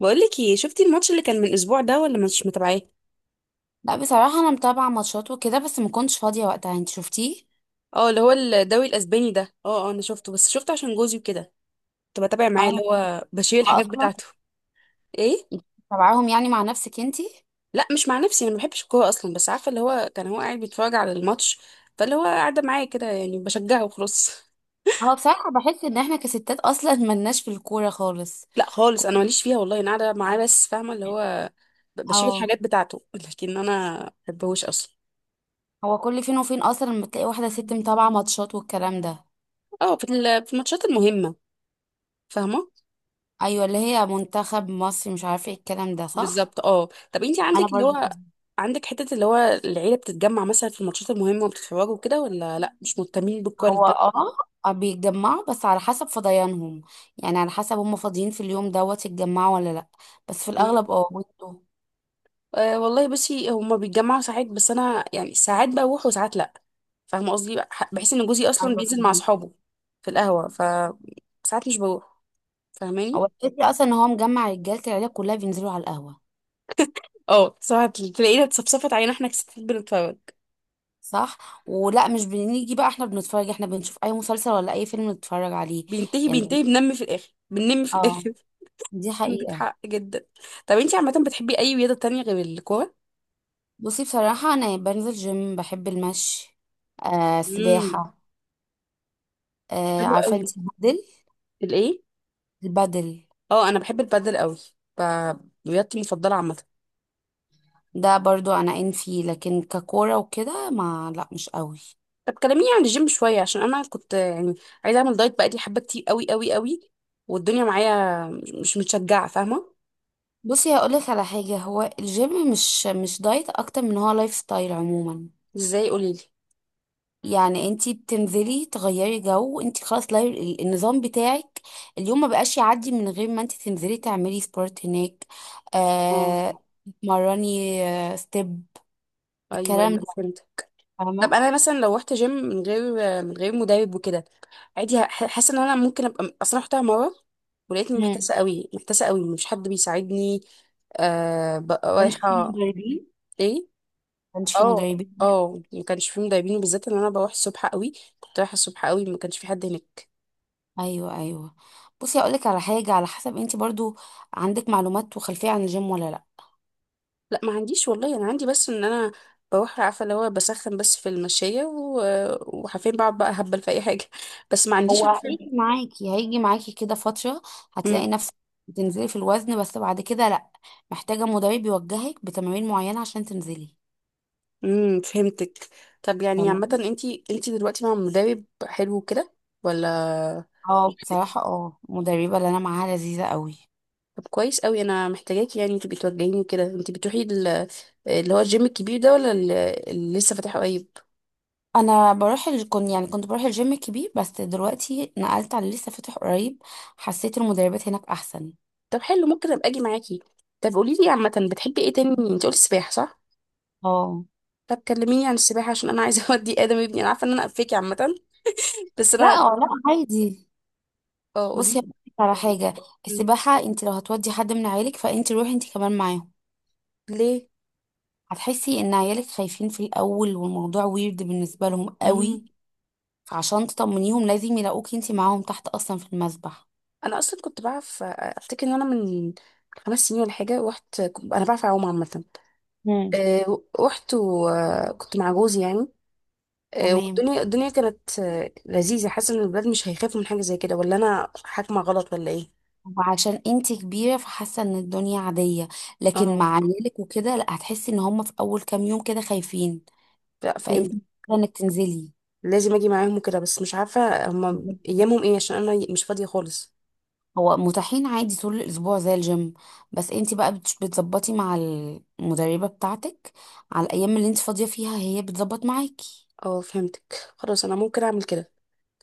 بقولك ايه، شفتي الماتش اللي كان من اسبوع ده ولا مش متابعاه؟ لا، بصراحة أنا متابعة ماتشات وكده بس ما كنتش فاضية وقتها. أنت شفتيه؟ اه اللي هو الدوري الاسباني ده. اه انا شفته، بس شفته عشان جوزي وكده. كنت بتابع اه، معاه أنا اللي هو بشيل متابعة الحاجات أصلا. بتاعته. ايه؟ انت متابعاهم يعني مع نفسك أنتي؟ لا مش مع نفسي، انا ما بحبش الكوره اصلا، بس عارفه اللي هو كان هو قاعد بيتفرج على الماتش، فاللي هو قاعده معايا كده يعني بشجعه وخلاص. هو بصراحة بحس إن إحنا كستات أصلا ملناش في الكورة خالص. لا خالص، انا ماليش فيها والله، انا قاعده معاه بس فاهمه اللي هو بشيل اه، الحاجات بتاعته. لكن انا ما بحبهوش اصلا. هو كل فين وفين أصلا لما تلاقي واحدة ست متابعة ماتشات والكلام ده. اه، في الماتشات المهمه. فاهمه. أيوة، اللي هي منتخب مصر، مش عارفة إيه الكلام ده، صح؟ بالظبط. اه، طب انت أنا عندك اللي برضو هو، كده. عندك حتة اللي هو العيلة بتتجمع مثلا في الماتشات المهمة وبتتفرجوا كده، ولا لا مش مهتمين بالكواليس هو ده؟ اه، بيتجمعوا بس على حسب فضيانهم. يعني على حسب هم فاضيين في اليوم دوت يتجمعوا ولا لأ. بس في مم. الأغلب اه بيبقوا. أه والله، بصي هما بيتجمعوا ساعات، بس انا يعني ساعات بروح وساعات لا. فاهمة قصدي؟ بحس ان جوزي اصلا أيوة. بينزل مع اصحابه في القهوة، ف ساعات مش بروح. هو فاهماني؟ الفكرة أصلا إن هو مجمع رجالة العيلة كلها بينزلوا على القهوة. اه، ساعات تلاقينا اتصفصفت علينا احنا كستات بنتفرج. صح، ولا مش بنيجي بقى؟ احنا بنتفرج، احنا بنشوف أي مسلسل ولا أي فيلم نتفرج عليه. بينتهي، يعني بينتهي، بنم في الاخر، بننم في اه، الاخر. دي عندك حقيقة. حق جدا. طب انت عامة بتحبي اي رياضة تانية غير الكورة؟ بصي بصراحة أنا بنزل جيم، بحب المشي، آه سباحة. آه، حلو عارفة قوي. انتي البدل؟ الايه؟ البدل. اه، انا بحب البادل قوي. ب- رياضتي المفضله عامه. ده برضو أنا إن فيه، لكن ككورة وكده ما لا، مش قوي. طب كلميني عن الجيم شويه، عشان انا كنت يعني عايزه اعمل دايت بقالي حبه كتير قوي قوي قوي، والدنيا معايا مش متشجعه فاهمه. بصي هقولك على حاجة، هو الجيم مش مش دايت أكتر من هو لايف ستايل عموما. ازاي؟ قولي لي. يعني انتي بتنزلي تغيري جو، انتي خلاص لا النظام بتاعك اليوم ما بقاش يعدي من غير ما انتي تنزلي تعملي سبورت هناك. اه. آه، تتمرني، آه ستيب، ايوه الكلام ايوه، ده. فهمت. طب فاهمه. انا مثلا لو رحت جيم من غير، من غير مدرب وكده، عادي؟ حاسه ان انا ممكن ابقى اصلا رحتها مره ولقيتني مم. محتاسه قوي، محتاسه قوي، مش حد بيساعدني. آه، بقى كانش في رايحه. مدربين، ايه؟ كانش في اه. مدربين. اه، ما كانش فيه مدربين، وبالذات ان انا بروح الصبح قوي. كنت رايحه الصبح قوي، ما كانش في حد هناك. ايوه ايوه. بصي اقولك على حاجه، على حسب انتي برضو عندك معلومات وخلفيه عن الجيم ولا لا. لا، ما عنديش والله، انا عندي بس ان انا بروح عارفه اللي هو بسخن بس في المشايه وحرفيا بقعد بقى هبل في اي حاجه. بس ما عنديش هو عارفه. هيجي معاكي هيجي معاكي كده فترة، هتلاقي امم. نفسك بتنزلي في الوزن، بس بعد كده لأ، محتاجة مدرب يوجهك بتمارين معينة عشان تنزلي. فهمتك. طب يعني عامه، فاهماني؟ انتي دلوقتي مع مدرب حلو كده ولا اه بصراحة لوحدك؟ اه، المدربة اللي أنا معاها لذيذة قوي. طب كويس قوي، انا محتاجاكي يعني انتي بتوجهيني كده. انتي بتروحي اللي هو الجيم الكبير ده، ولا اللي لسه فاتحه قريب؟ أنا بروح كنت يعني كنت بروح الجيم الكبير، بس دلوقتي نقلت على اللي لسه فاتح قريب. حسيت المدربات هناك أحسن. طب حلو، ممكن ابقى اجي معاكي. طب قولي لي، عامه بتحبي ايه تاني؟ انت قلتي سباحه صح؟ اه طب كلميني عن السباحه، عشان انا عايزه اودي ادم ابني. انا عارفه ان انا قفاكي عامه، بس لا، انا. اه لا عادي. اه، قولي بصي لي هقولك على حاجة، السباحة انت لو هتودي حد من عيالك فانت روحي انت كمان معاهم. ليه. هتحسي ان عيالك خايفين في الاول والموضوع ويرد بالنسبه لهم قوي. مم. فعشان تطمنيهم لازم يلاقوكي انتي معاهم تحت اصلا في المسبح. انا اصلا كنت بعرف، افتكر ان انا من خمس سنين ولا حاجه رحت، انا بعرف اعوم عامه. مم. رحت وكنت مع جوزي يعني. تمام، والدنيا كانت لذيذه. حاسه ان الولاد مش هيخافوا من حاجه زي كده، ولا انا حاكمه غلط ولا ايه؟ وعشان انتي كبيره فحاسه ان الدنيا عاديه، لكن اه، مع عيالك وكده لا، هتحسي ان هم في اول كام يوم كده خايفين، لا فانتي فهمت. محتاجة انك تنزلي. لازم اجي معاهم وكده، بس مش عارفه هما بالظبط. ايامهم ايه، عشان انا مش فاضيه خالص. هو متاحين عادي طول الاسبوع زي الجيم، بس انتي بقى بتظبطي مع المدربه بتاعتك على الايام اللي انتي فاضيه فيها، هي بتظبط معاكي. اه فهمتك، خلاص انا ممكن اعمل كده.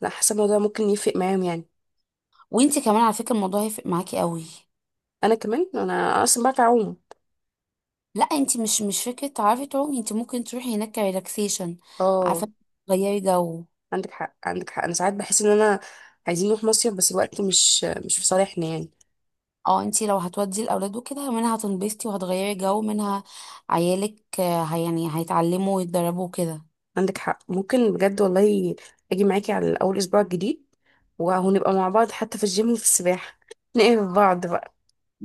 لا، حاسه الموضوع ممكن يفرق معاهم يعني. وانت كمان على فكره الموضوع هيفرق معاكي قوي. انا كمان، انا اصلا بعرف اعوم. لا، انت مش فكره تعرفي تعومي، انت ممكن تروحي هناك كريلاكسيشن، اه، عارفه، تغيري جو. عندك حق، عندك حق. انا ساعات بحس ان انا عايزين نروح مصيف، بس الوقت مش في صالحنا يعني. اه، انت لو هتودي الاولاد وكده منها هتنبسطي وهتغيري جو، منها عيالك آه، هي يعني هيتعلموا ويتدربوا كده. عندك حق، ممكن بجد والله اجي معاكي على اول اسبوع الجديد، وهنبقى مع بعض حتى في الجيم وفي السباحه. نقف بعض بقى.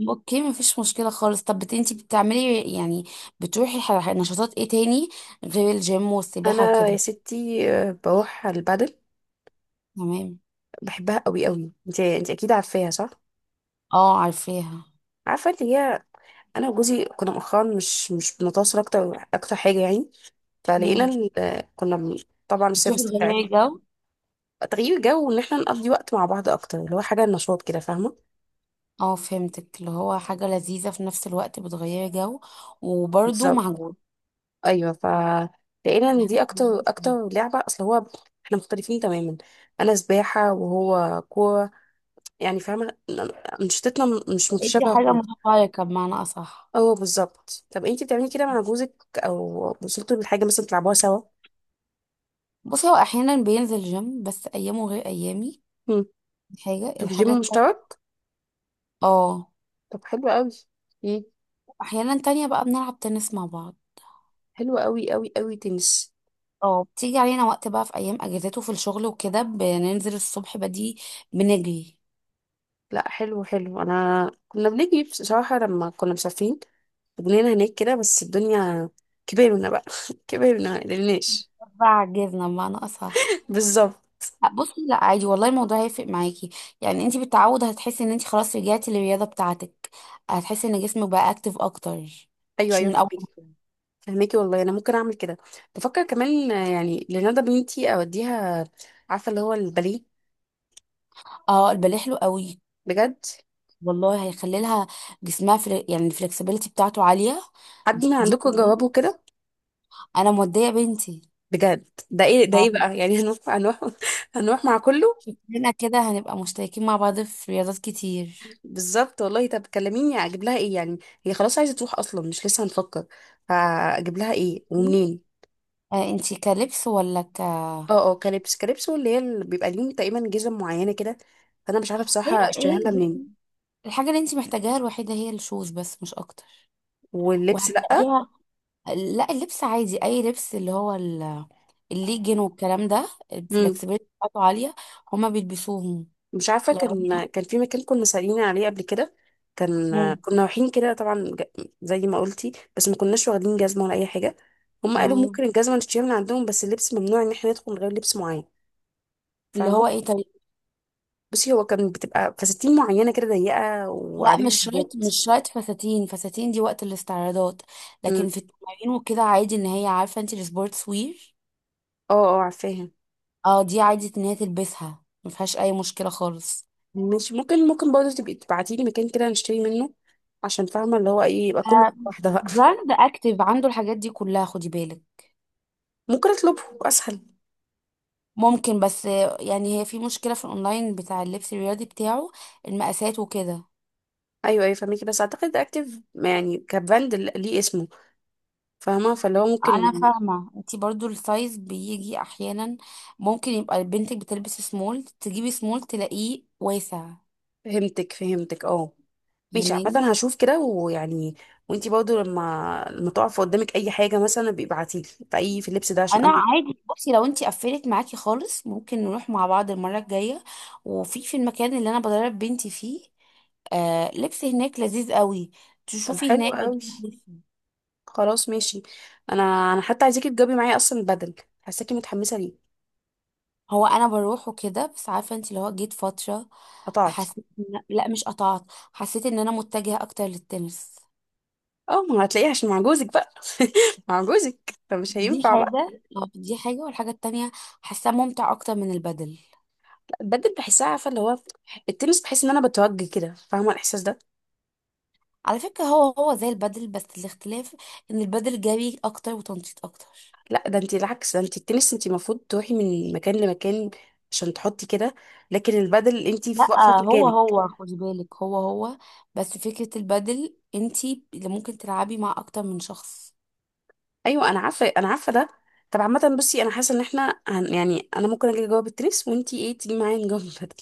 اوكي، مفيش مشكله خالص. طب بت انت بتعملي يعني بتروحي نشاطات ايه تاني غير الجيم والسباحه انا يا وكده؟ ستي، بروح على البادل. تمام. بحبها قوي قوي. انت اكيد عارفاها صح؟ اه عارفاها. عارفه اللي هي انا وجوزي كنا مؤخرا مش بنتواصل اكتر اكتر حاجه يعني، فلقينا مم. طبعا بتروحي السيرفيس تغيري بتاعتنا، جو. تغيير جو، وان احنا نقضي وقت مع بعض اكتر، اللي هو حاجه نشاط كده فاهمه. اه، فهمتك، اللي هو حاجة لذيذة في نفس الوقت بتغيري جو وبرده بالظبط. معجون. ايوه، ف لقينا دي ان حاجة. دي اكتر اكتر لعبه، اصل هو احنا مختلفين تماما. انا سباحه وهو كوره يعني فاهمه. انشطتنا مش لقيتي متشابهه حاجة خالص. متفرقة بمعنى أصح. اه بالظبط. طب انتي بتعملي كده مع جوزك، او وصلتوا لحاجه مثلا تلعبوها سوا؟ بصي هو أحيانا بينزل جيم بس أيامه غير أيامي. مم. دي حاجة. في الحاجة جيم التانية مشترك؟ اه، طب حلو قوي. ايه؟ أحيانا تانية بقى بنلعب تنس مع بعض. حلو قوي قوي قوي، تنس. اه، بتيجي علينا وقت بقى في أيام أجازاته في الشغل وكده بننزل الصبح بدي بنجري. لا حلو حلو، انا كنا بنيجي بصراحه لما كنا مسافرين، بنينا هناك كده، بس الدنيا كبرنا بقى. كبرنا، مقدرناش. بعجزنا بمعنى أصح. بالظبط. لا بصي، لا عادي والله، الموضوع هيفرق معاكي. يعني انت بالتعود هتحسي ان انت خلاص رجعتي للرياضه بتاعتك، هتحسي ان جسمك بقى اكتف اكتر، ايوه مش ايوه من اول. فهميكي، فهميكي والله، انا ممكن اعمل كده. بفكر كمان يعني لندى بنتي اوديها، عارفه اللي هو الباليه. اه، الباليه حلو قوي. بجد. والله هيخلي لها جسمها يعني الفلكسبيليتي بتاعته عاليه. حد من دي, عندكم جوابه كده؟ انا موديه بنتي. بجد؟ ده ايه، ده ايه اه، بقى يعني؟ هنروح، هنروح، هنروح مع كله. شكلنا كده هنبقى مشتركين مع بعض في رياضات كتير. بالظبط والله. طب كلميني، اجيب لها ايه يعني؟ هي خلاص عايزه تروح اصلا، مش لسه هنفكر. فاجيب لها ايه ومنين؟ آه، انت كلبس ولا ك؟ اه اه، كريبس كريبس، واللي هي اللي بيبقى ليهم تقريبا جزم معينه كده. فانا مش عارفه هي بصراحه اشتريها ايه، لها منين. بصي، الحاجه اللي انت محتاجاها الوحيده هي الشوز بس، مش اكتر. واللبس لا؟ وهتلاقيها. لا، اللبس عادي، اي لبس اللي هو الليجن والكلام ده امم. الفلكسبيليتي بتاعته عاليه، هما بيلبسوهم. مش عارفه، لو، كان في مكان كنا سالين عليه قبل كده. كان مم. كنا رايحين كده، طبعا زي ما قلتي، بس ما كناش واخدين جزمه ولا اي حاجه. هم قالوا تمام. ممكن الجزمه نشتريها من عندهم، بس اللبس ممنوع ان احنا ندخل من غير لبس معين اللي فاهمه. هو ايه، طيب. بصي هو كان بتبقى فساتين معينة كده ضيقة لا مش وعليها شرط، حاجات. مش شرط فساتين دي وقت الاستعراضات، لكن امم. في التمارين وكده عادي ان هي، عارفه انت السبورتس وير. اه. اه عارفاها. اه، دي عادي ان هي تلبسها ما فيهاش اي مشكله خالص. مش ممكن، ممكن برضه تبقي تبعتي لي مكان كده نشتري منه، عشان فاهمة اللي هو ايه، يبقى كله آه، واحدة بقى. براند اكتيف عنده الحاجات دي كلها، خدي بالك. ممكن اطلبه اسهل. ممكن، بس آه، يعني هي في مشكله في الاونلاين بتاع اللبس الرياضي بتاعه المقاسات وكده. ايوه ايوه فاهمكي، بس اعتقد اكتف يعني كبراند ليه اسمه. فاهمة، فاللي هو ممكن. انا فاهمه انتي برضو السايز بيجي احيانا، ممكن يبقى بنتك بتلبس سمول تجيبي سمول تلاقيه واسع. فهمتك فهمتك اه. ماشي فاهماني؟ عامة، هشوف كده ويعني. وانتي برضه لما تقف قدامك اي حاجة مثلا بيبعتيلي في اي في اللبس ده، عشان انا انا. عادي، بصي لو انتي قفلت معاكي خالص ممكن نروح مع بعض المره الجايه، وفي في المكان اللي انا بدرب بنتي فيه آه لبس هناك لذيذ قوي، طب تشوفي حلو هناك قوي. بجيب لبس. خلاص ماشي. انا انا حتى عايزاكي تجاوبي معايا اصلا بدل. حاساكي متحمسه ليه؟ هو انا بروح وكده، بس عارفه انت اللي هو جيت فتره قطعتي؟ حسيت لا مش قطعت، حسيت ان انا متجهه اكتر للتنس. اه، ما هتلاقيه عشان مع جوزك بقى. مع جوزك، فمش دي هينفع بقى. حاجة آه، دي حاجة. والحاجة التانية حاساه ممتع أكتر من البدل. لا، البدل بحسها عارفه اللي هو، التنس بحس ان انا بتوجه كده فاهمه الاحساس ده. على فكرة هو زي البدل، بس الاختلاف إن البدل جري أكتر وتنطيط أكتر. لا، ده انت العكس، ده انت التنس انت المفروض تروحي من مكان لمكان عشان تحطي كده، لكن البدل انت لا، في واقفه في هو مكانك. هو خدي بالك، هو بس فكرة البدل انتي اللي ممكن تلعبي مع أكتر من شخص. ايوه انا عارفه، انا عارفه ده. طب عامه بصي، انا حاسه ان احنا يعني انا ممكن اجي جواب التنس، وانت ايه تيجي معايا نجاوب البدل؟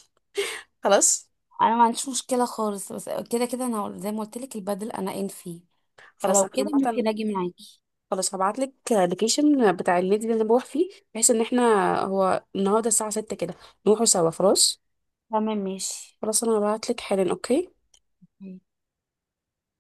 خلاص. أنا ما عنديش مشكلة خالص، بس كده كده أنا زي ما قلت لك البدل أنا إن فيه، خلاص فلو انا. كده عامه ممكن أجي معاكي. خلاص، هبعت لك اللوكيشن بتاع النادي اللي انا بروح فيه، بحيث ان احنا، هو النهارده الساعه 6 كده، نروحوا سوا. خلاص. تمام ماشي. خلاص انا هبعت لك حالا. اوكي.